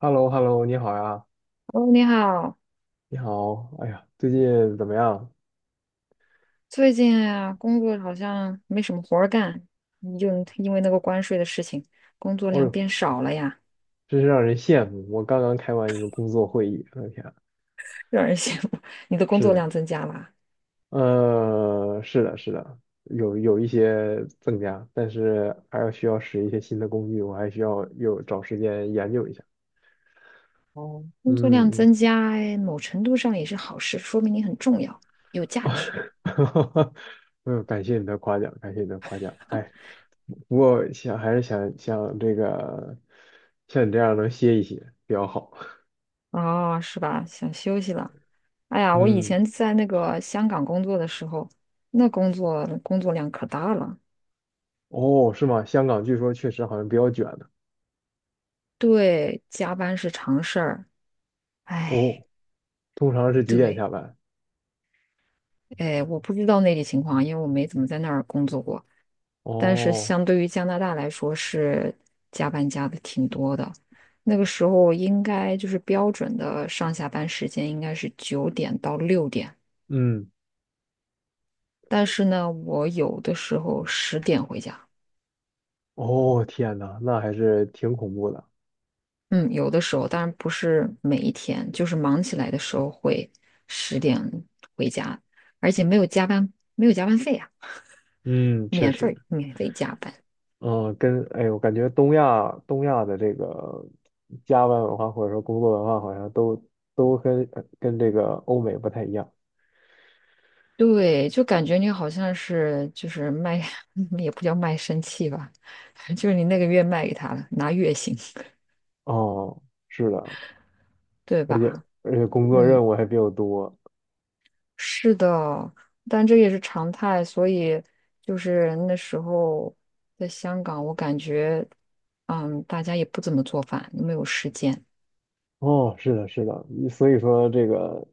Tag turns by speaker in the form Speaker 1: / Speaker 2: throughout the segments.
Speaker 1: h e l l o h e l l o 你好呀，
Speaker 2: 哦，你好。
Speaker 1: 你好，哎呀，最近怎么样？
Speaker 2: 最近啊，工作好像没什么活儿干，你就因为那个关税的事情，工作
Speaker 1: 哦
Speaker 2: 量
Speaker 1: 呦，
Speaker 2: 变少了呀。
Speaker 1: 真是让人羡慕。我刚刚开完一个工作会议，我的天啊，
Speaker 2: 让人羡慕。你的工
Speaker 1: 是
Speaker 2: 作
Speaker 1: 的，
Speaker 2: 量增加啦？
Speaker 1: 是的，是的，有一些增加，但是还要需要使一些新的工具，我还需要有找时间研究一下。
Speaker 2: 哦，工作量
Speaker 1: 嗯
Speaker 2: 增加，哎某程度上也是好事，说明你很重要，有价值。
Speaker 1: 嗯，呦，感谢你的夸奖，感谢你的夸奖。哎，不过还是想想这个，像你这样能歇一歇比较好。
Speaker 2: 哦，是吧？想休息了。哎 呀，我以
Speaker 1: 嗯。
Speaker 2: 前在那个香港工作的时候，那工作量可大了，
Speaker 1: 哦，是吗？香港据说确实好像比较卷的。
Speaker 2: 对，加班是常事儿。哎，
Speaker 1: 哦，通常是几点
Speaker 2: 对。
Speaker 1: 下班？
Speaker 2: 哎，我不知道内地情况啊，因为我没怎么在那儿工作过。但是
Speaker 1: 哦，
Speaker 2: 相对于加拿大来说，是加班加的挺多的。那个时候应该就是标准的上下班时间应该是九点到六点，
Speaker 1: 嗯，
Speaker 2: 但是呢，我有的时候十点回家。
Speaker 1: 哦，天呐，那还是挺恐怖的。
Speaker 2: 嗯，有的时候，当然不是每一天，就是忙起来的时候会十点回家，而且没有加班，没有加班费啊，
Speaker 1: 嗯，确
Speaker 2: 免
Speaker 1: 实，
Speaker 2: 费免费加班。
Speaker 1: 嗯，哎，我感觉东亚的这个加班文化或者说工作文化好像都跟这个欧美不太一样。
Speaker 2: 对，就感觉你好像是就是卖，也不叫卖身契吧，就是你那个月卖给他了，拿月薪，
Speaker 1: 哦，是的，
Speaker 2: 对
Speaker 1: 而且
Speaker 2: 吧？
Speaker 1: 而且工作
Speaker 2: 嗯，
Speaker 1: 任务还比较多。
Speaker 2: 是的，但这也是常态，所以就是那时候在香港，我感觉，嗯，大家也不怎么做饭，没有时间。
Speaker 1: 哦，是的，是的，所以说这个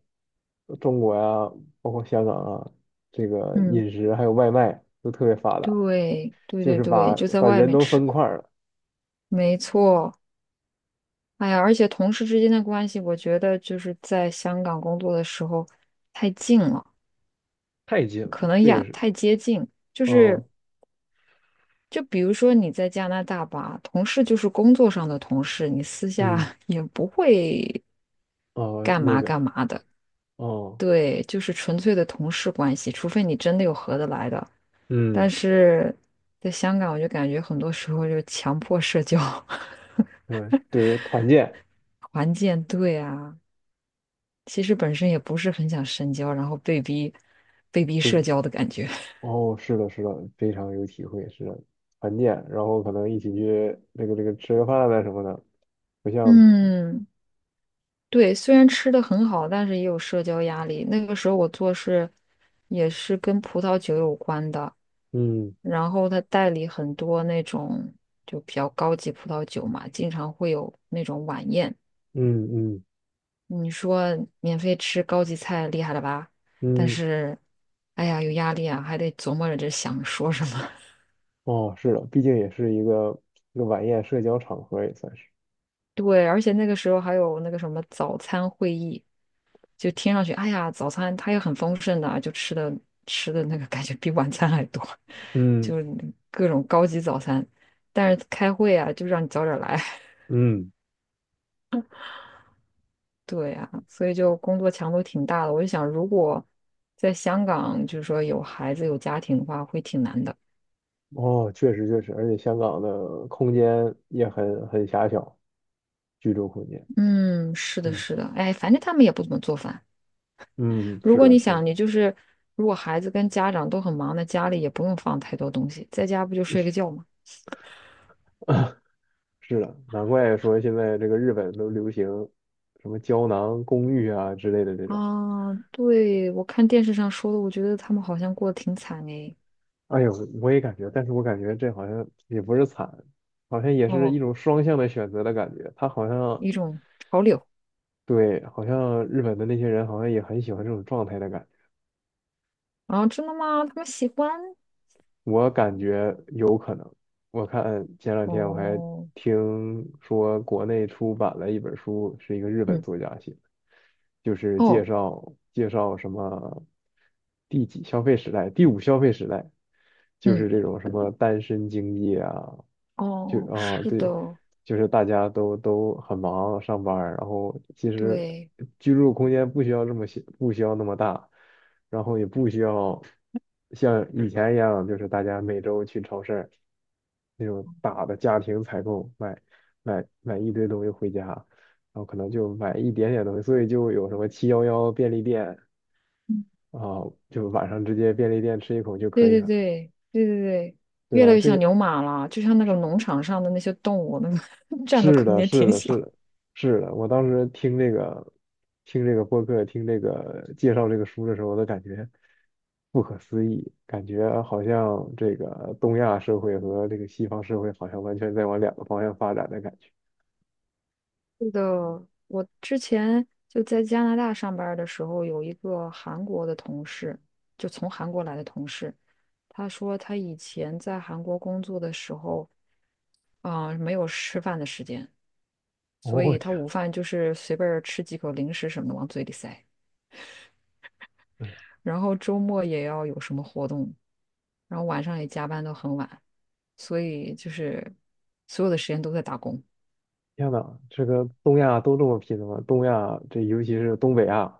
Speaker 1: 中国呀，包括香港啊，这个
Speaker 2: 嗯，
Speaker 1: 饮食还有外卖都特别发达，
Speaker 2: 对，对
Speaker 1: 就
Speaker 2: 对
Speaker 1: 是
Speaker 2: 对，
Speaker 1: 把
Speaker 2: 就在
Speaker 1: 把
Speaker 2: 外
Speaker 1: 人
Speaker 2: 面
Speaker 1: 都
Speaker 2: 吃，
Speaker 1: 分块儿了，
Speaker 2: 没错。哎呀，而且同事之间的关系，我觉得就是在香港工作的时候太近了。
Speaker 1: 太近了，
Speaker 2: 可能
Speaker 1: 这个
Speaker 2: 养
Speaker 1: 是，
Speaker 2: 太接近，就是
Speaker 1: 哦，
Speaker 2: 就比如说你在加拿大吧，同事就是工作上的同事，你私
Speaker 1: 嗯，
Speaker 2: 下 也不会
Speaker 1: 哦，
Speaker 2: 干
Speaker 1: 那
Speaker 2: 嘛干
Speaker 1: 个，
Speaker 2: 嘛的，
Speaker 1: 哦，
Speaker 2: 对，就是纯粹的同事关系，除非你真的有合得来的。但
Speaker 1: 嗯，
Speaker 2: 是在香港，我就感觉很多时候就强迫社交，
Speaker 1: 对，对，团建，
Speaker 2: 环境，对啊，其实本身也不是很想深交，然后被逼
Speaker 1: 对，
Speaker 2: 社交的感觉，
Speaker 1: 哦，是的，是的，非常有体会，是的，团建，然后可能一起去那个吃个饭啊什么的，不 像，
Speaker 2: 嗯。对，虽然吃的很好，但是也有社交压力。那个时候我做事也是跟葡萄酒有关的，
Speaker 1: 嗯
Speaker 2: 然后他代理很多那种就比较高级葡萄酒嘛，经常会有那种晚宴。
Speaker 1: 嗯嗯
Speaker 2: 你说免费吃高级菜，厉害了吧？但
Speaker 1: 嗯
Speaker 2: 是，哎呀，有压力啊，还得琢磨着这想说什么。
Speaker 1: 哦，是的，毕竟也是一个晚宴社交场合，也算是。
Speaker 2: 对，而且那个时候还有那个什么早餐会议。就听上去，哎呀，早餐它也很丰盛的啊，就吃的那个感觉比晚餐还多，
Speaker 1: 嗯
Speaker 2: 就各种高级早餐。但是开会啊，就让你早点来，
Speaker 1: 嗯，
Speaker 2: 对呀、所以就工作强度挺大的。我就想，如果在香港，就是说有孩子有家庭的话，会挺难的。
Speaker 1: 哦，确实确实，而且香港的空间也很狭小，居住空间。
Speaker 2: 嗯，是的，
Speaker 1: 嗯
Speaker 2: 是的，哎，反正他们也不怎么做饭。
Speaker 1: 嗯，
Speaker 2: 如
Speaker 1: 是
Speaker 2: 果
Speaker 1: 的，
Speaker 2: 你
Speaker 1: 是的，
Speaker 2: 想，你就是如果孩子跟家长都很忙，那家里也不用放太多东西，在家不就睡个觉吗？
Speaker 1: 是的，难怪说现在这个日本都流行什么胶囊公寓啊之类的这种。
Speaker 2: 啊，对，我看电视上说的，我觉得他们好像过得挺惨诶。
Speaker 1: 哎呦，我也感觉，但是我感觉这好像也不是惨，好像也是一
Speaker 2: 哦，
Speaker 1: 种双向的选择的感觉。他好像
Speaker 2: 一种潮流
Speaker 1: 对，好像日本的那些人好像也很喜欢这种状态的感觉。
Speaker 2: 啊，真的吗？他们喜欢？
Speaker 1: 我感觉有可能。我看前两天我还
Speaker 2: 哦，
Speaker 1: 听说国内出版了一本书，是一个日本
Speaker 2: 嗯，
Speaker 1: 作家写的，就是介
Speaker 2: 哦，
Speaker 1: 绍介绍什么第几消费时代，第五消费时代，就
Speaker 2: 嗯，
Speaker 1: 是这种什么单身经济啊，就
Speaker 2: 哦，
Speaker 1: 啊
Speaker 2: 是
Speaker 1: 对，
Speaker 2: 的，
Speaker 1: 就是大家都很忙上班儿然后其实
Speaker 2: 对，
Speaker 1: 居住空间不需要这么小，不需要那么大。然后也不需要像以前一样，就是大家每周去超市那种大的家庭采购，买一堆东西回家，然后可能就买一点点东西，所以就有什么7-11便利店
Speaker 2: 嗯，
Speaker 1: 啊，就晚上直接便利店吃一口就可
Speaker 2: 对
Speaker 1: 以
Speaker 2: 对
Speaker 1: 了，
Speaker 2: 对对对对，
Speaker 1: 对
Speaker 2: 越来
Speaker 1: 吧？
Speaker 2: 越
Speaker 1: 这
Speaker 2: 像
Speaker 1: 个
Speaker 2: 牛马了，就像那个农场上的那些动物，那个 占的
Speaker 1: 是
Speaker 2: 空
Speaker 1: 的，
Speaker 2: 间
Speaker 1: 是
Speaker 2: 挺
Speaker 1: 的，是
Speaker 2: 小。
Speaker 1: 的，是的。我当时听这个播客，听这个介绍这个书的时候，我都感觉不可思议，感觉好像这个东亚社会和这个西方社会好像完全在往两个方向发展的感觉。
Speaker 2: 是的，我之前就在加拿大上班儿的时候，有一个韩国的同事，就从韩国来的同事，他说他以前在韩国工作的时候，啊、没有吃饭的时间，
Speaker 1: 哦，
Speaker 2: 所
Speaker 1: 我
Speaker 2: 以他
Speaker 1: 天，
Speaker 2: 午饭就是随便儿吃几口零食什么的往嘴里塞，然后周末也要有什么活动，然后晚上也加班到很晚，所以就是所有的时间都在打工。
Speaker 1: 天呐，这个东亚都这么拼的吗？东亚这尤其是东北亚、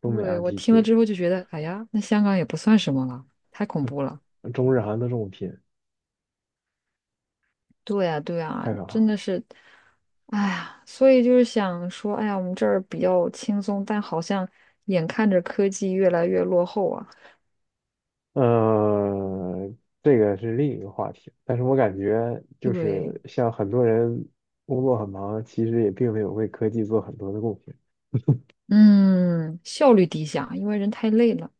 Speaker 1: 东北
Speaker 2: 对，
Speaker 1: 亚
Speaker 2: 我
Speaker 1: 地
Speaker 2: 听了
Speaker 1: 区，
Speaker 2: 之后就觉得，哎呀，那香港也不算什么了，太恐怖了。
Speaker 1: 中日韩都这么拼，
Speaker 2: 对呀，对呀，
Speaker 1: 太可怕
Speaker 2: 真
Speaker 1: 了。
Speaker 2: 的是，哎呀，所以就是想说，哎呀，我们这儿比较轻松，但好像眼看着科技越来越落后啊。
Speaker 1: 嗯，这个是另一个话题，但是我感觉就
Speaker 2: 对，
Speaker 1: 是像很多人工作很忙，其实也并没有为科技做很多的贡献。
Speaker 2: 嗯，效率低下，因为人太累了。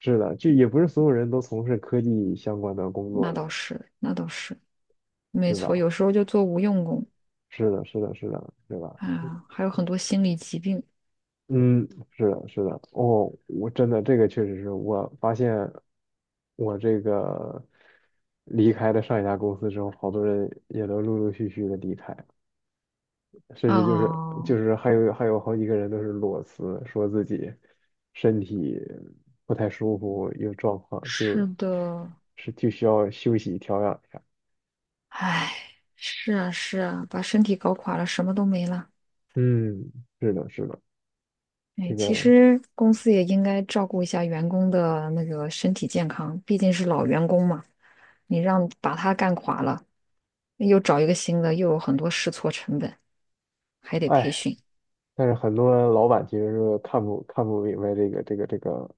Speaker 1: 是的，就也不是所有人都从事科技相关的工作
Speaker 2: 那
Speaker 1: 的，
Speaker 2: 倒是，那倒是，没
Speaker 1: 对
Speaker 2: 错，
Speaker 1: 吧？
Speaker 2: 有时候就做无用功
Speaker 1: 是的，是的，是的，对吧？
Speaker 2: 啊，还有很多心理疾病
Speaker 1: 嗯，是的，是的。哦，我真的这个确实是我发现我这个离开了上一家公司之后，好多人也都陆陆续续的离开。甚至就是就
Speaker 2: 啊。
Speaker 1: 是还有好几个人都是裸辞，说自己身体不太舒服，有状况，就
Speaker 2: 是的，
Speaker 1: 是就需要休息调养一下。
Speaker 2: 哎，是啊，是啊，把身体搞垮了，什么都没了。
Speaker 1: 嗯，是的，是的，这
Speaker 2: 哎，其
Speaker 1: 个，
Speaker 2: 实公司也应该照顾一下员工的那个身体健康，毕竟是老员工嘛，你让把他干垮了，又找一个新的，又有很多试错成本，还得培
Speaker 1: 哎，
Speaker 2: 训。
Speaker 1: 但是很多老板其实是看不明白这个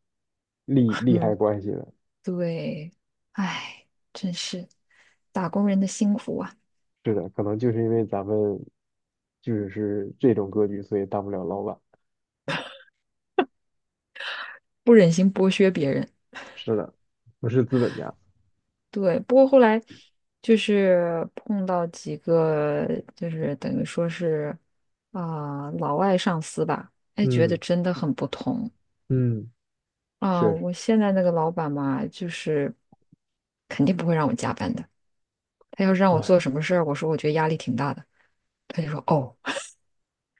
Speaker 1: 利害
Speaker 2: 嗯，
Speaker 1: 关系的。
Speaker 2: 对，哎，真是打工人的辛苦啊，
Speaker 1: 是的，可能就是因为咱们就是这种格局，所以当不了老板。
Speaker 2: 不忍心剥削别人。
Speaker 1: 是的，不是资本家。
Speaker 2: 对，不过后来就是碰到几个，就是等于说是啊、老外上司吧，哎，觉得
Speaker 1: 嗯
Speaker 2: 真的很不同。
Speaker 1: 嗯，
Speaker 2: 啊，
Speaker 1: 确实。
Speaker 2: 我现在那个老板嘛，就是肯定不会让我加班的。他要是让我
Speaker 1: 哇
Speaker 2: 做什么事儿，我说我觉得压力挺大的，他就说哦，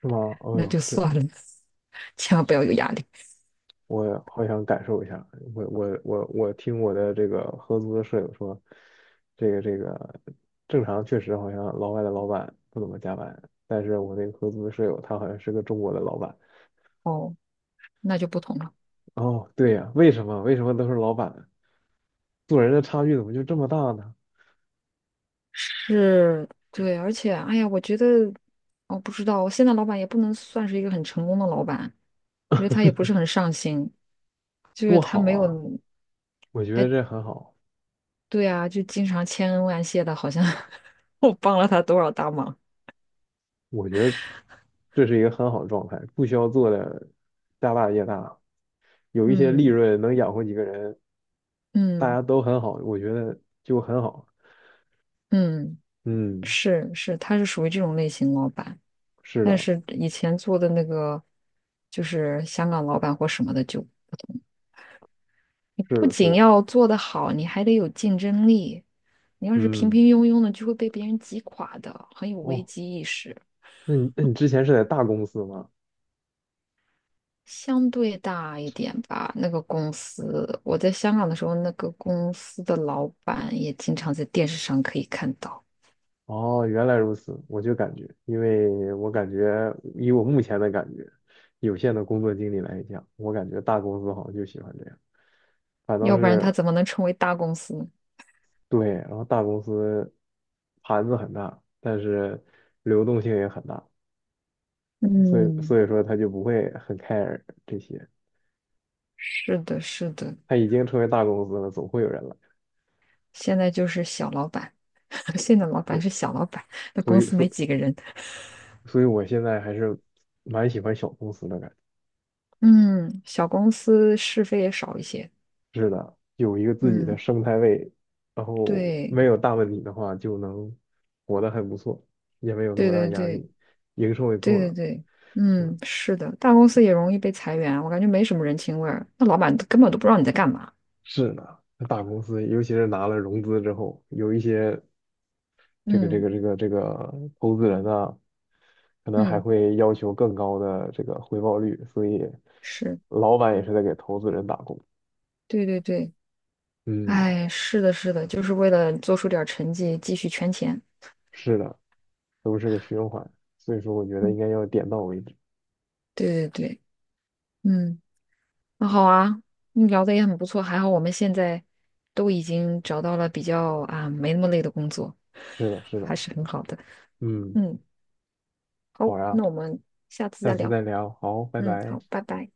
Speaker 1: 是吗？哦
Speaker 2: 那
Speaker 1: 呦，
Speaker 2: 就
Speaker 1: 这
Speaker 2: 算了，千万不要有压力。
Speaker 1: 我好想感受一下。我听我的这个合租的舍友说，这个正常确实好像老外的老板不怎么加班，但是我那个合租的舍友他好像是个中国的老板。
Speaker 2: 哦，那就不同了。
Speaker 1: 哦，对呀，为什么都是老板？做人的差距怎么就这么大呢？
Speaker 2: 是，对，而且，哎呀，我觉得，我不知道，我现在老板也不能算是一个很成功的老板，我觉得他也不是很上心，就是
Speaker 1: 多
Speaker 2: 他
Speaker 1: 好
Speaker 2: 没有，
Speaker 1: 啊！我觉得这很好。
Speaker 2: 对啊，就经常千恩万谢的，好像 我帮了他多少大忙。
Speaker 1: 我觉得这是一个很好的状态，不需要做的家大业大，有一些利
Speaker 2: 嗯
Speaker 1: 润能养活几个人，大
Speaker 2: 嗯
Speaker 1: 家都很好，我觉得就很好。
Speaker 2: 嗯。
Speaker 1: 嗯，
Speaker 2: 是是，他是属于这种类型老板，
Speaker 1: 是
Speaker 2: 但
Speaker 1: 的，
Speaker 2: 是以前做的那个就是香港老板或什么的就，你
Speaker 1: 是
Speaker 2: 不
Speaker 1: 的，是
Speaker 2: 仅
Speaker 1: 的，
Speaker 2: 要做得好，你还得有竞争力。你要是平
Speaker 1: 嗯，
Speaker 2: 平庸庸的，就会被别人挤垮的，很有危
Speaker 1: 哦，
Speaker 2: 机意识。
Speaker 1: 那你之前是在大公司吗？
Speaker 2: 相对大一点吧，那个公司，我在香港的时候，那个公司的老板也经常在电视上可以看到，
Speaker 1: 哦，原来如此，我就感觉，因为我感觉以我目前的感觉，有限的工作经历来讲，我感觉大公司好像就喜欢这样，反倒
Speaker 2: 要不然
Speaker 1: 是
Speaker 2: 他怎么能成为大公司呢？
Speaker 1: 对，然后大公司盘子很大，但是流动性也很大，所以
Speaker 2: 嗯，
Speaker 1: 所以说他就不会很 care 这些。
Speaker 2: 是的，是的，
Speaker 1: 他已经成为大公司了，总会有人来。
Speaker 2: 现在就是小老板。现在老板
Speaker 1: 对，
Speaker 2: 是小老板，那
Speaker 1: 所
Speaker 2: 公
Speaker 1: 以
Speaker 2: 司
Speaker 1: 所
Speaker 2: 没几个人，
Speaker 1: 所以我现在还是蛮喜欢小公司的感
Speaker 2: 嗯，小公司是非也少一些，
Speaker 1: 觉。是的，有一个自己的
Speaker 2: 嗯，
Speaker 1: 生态位，然后
Speaker 2: 对，
Speaker 1: 没有大问题的话，就能活得很不错，也没有那
Speaker 2: 对
Speaker 1: 么大
Speaker 2: 对
Speaker 1: 压
Speaker 2: 对
Speaker 1: 力，营收也
Speaker 2: 对
Speaker 1: 够
Speaker 2: 对
Speaker 1: 了，
Speaker 2: 对，
Speaker 1: 是吧？
Speaker 2: 嗯，是的，大公司也容易被裁员啊，我感觉没什么人情味儿，那老板都根本都不知道你在干嘛，
Speaker 1: 是的，那大公司尤其是拿了融资之后，有一些。这个这
Speaker 2: 嗯
Speaker 1: 个这个这个投资人呢，可能还
Speaker 2: 嗯，
Speaker 1: 会要求更高的这个回报率，所以
Speaker 2: 是，
Speaker 1: 老板也是在给投资人打工。
Speaker 2: 对，
Speaker 1: 嗯，
Speaker 2: 哎，是的，是的，就是为了做出点儿成绩，继续圈钱，
Speaker 1: 是的，都是个循环，所以说我觉得应
Speaker 2: 嗯，
Speaker 1: 该要点到为止。
Speaker 2: 对对对，嗯。那好啊，你聊的也很不错，还好我们现在都已经找到了比较啊没那么累的工作，
Speaker 1: 是的，是
Speaker 2: 还
Speaker 1: 的，
Speaker 2: 是很好的。
Speaker 1: 嗯，
Speaker 2: 嗯，好，
Speaker 1: 好呀，
Speaker 2: 那我们下次
Speaker 1: 下
Speaker 2: 再
Speaker 1: 次
Speaker 2: 聊。
Speaker 1: 再聊，好，拜
Speaker 2: 嗯，
Speaker 1: 拜。
Speaker 2: 好，拜拜。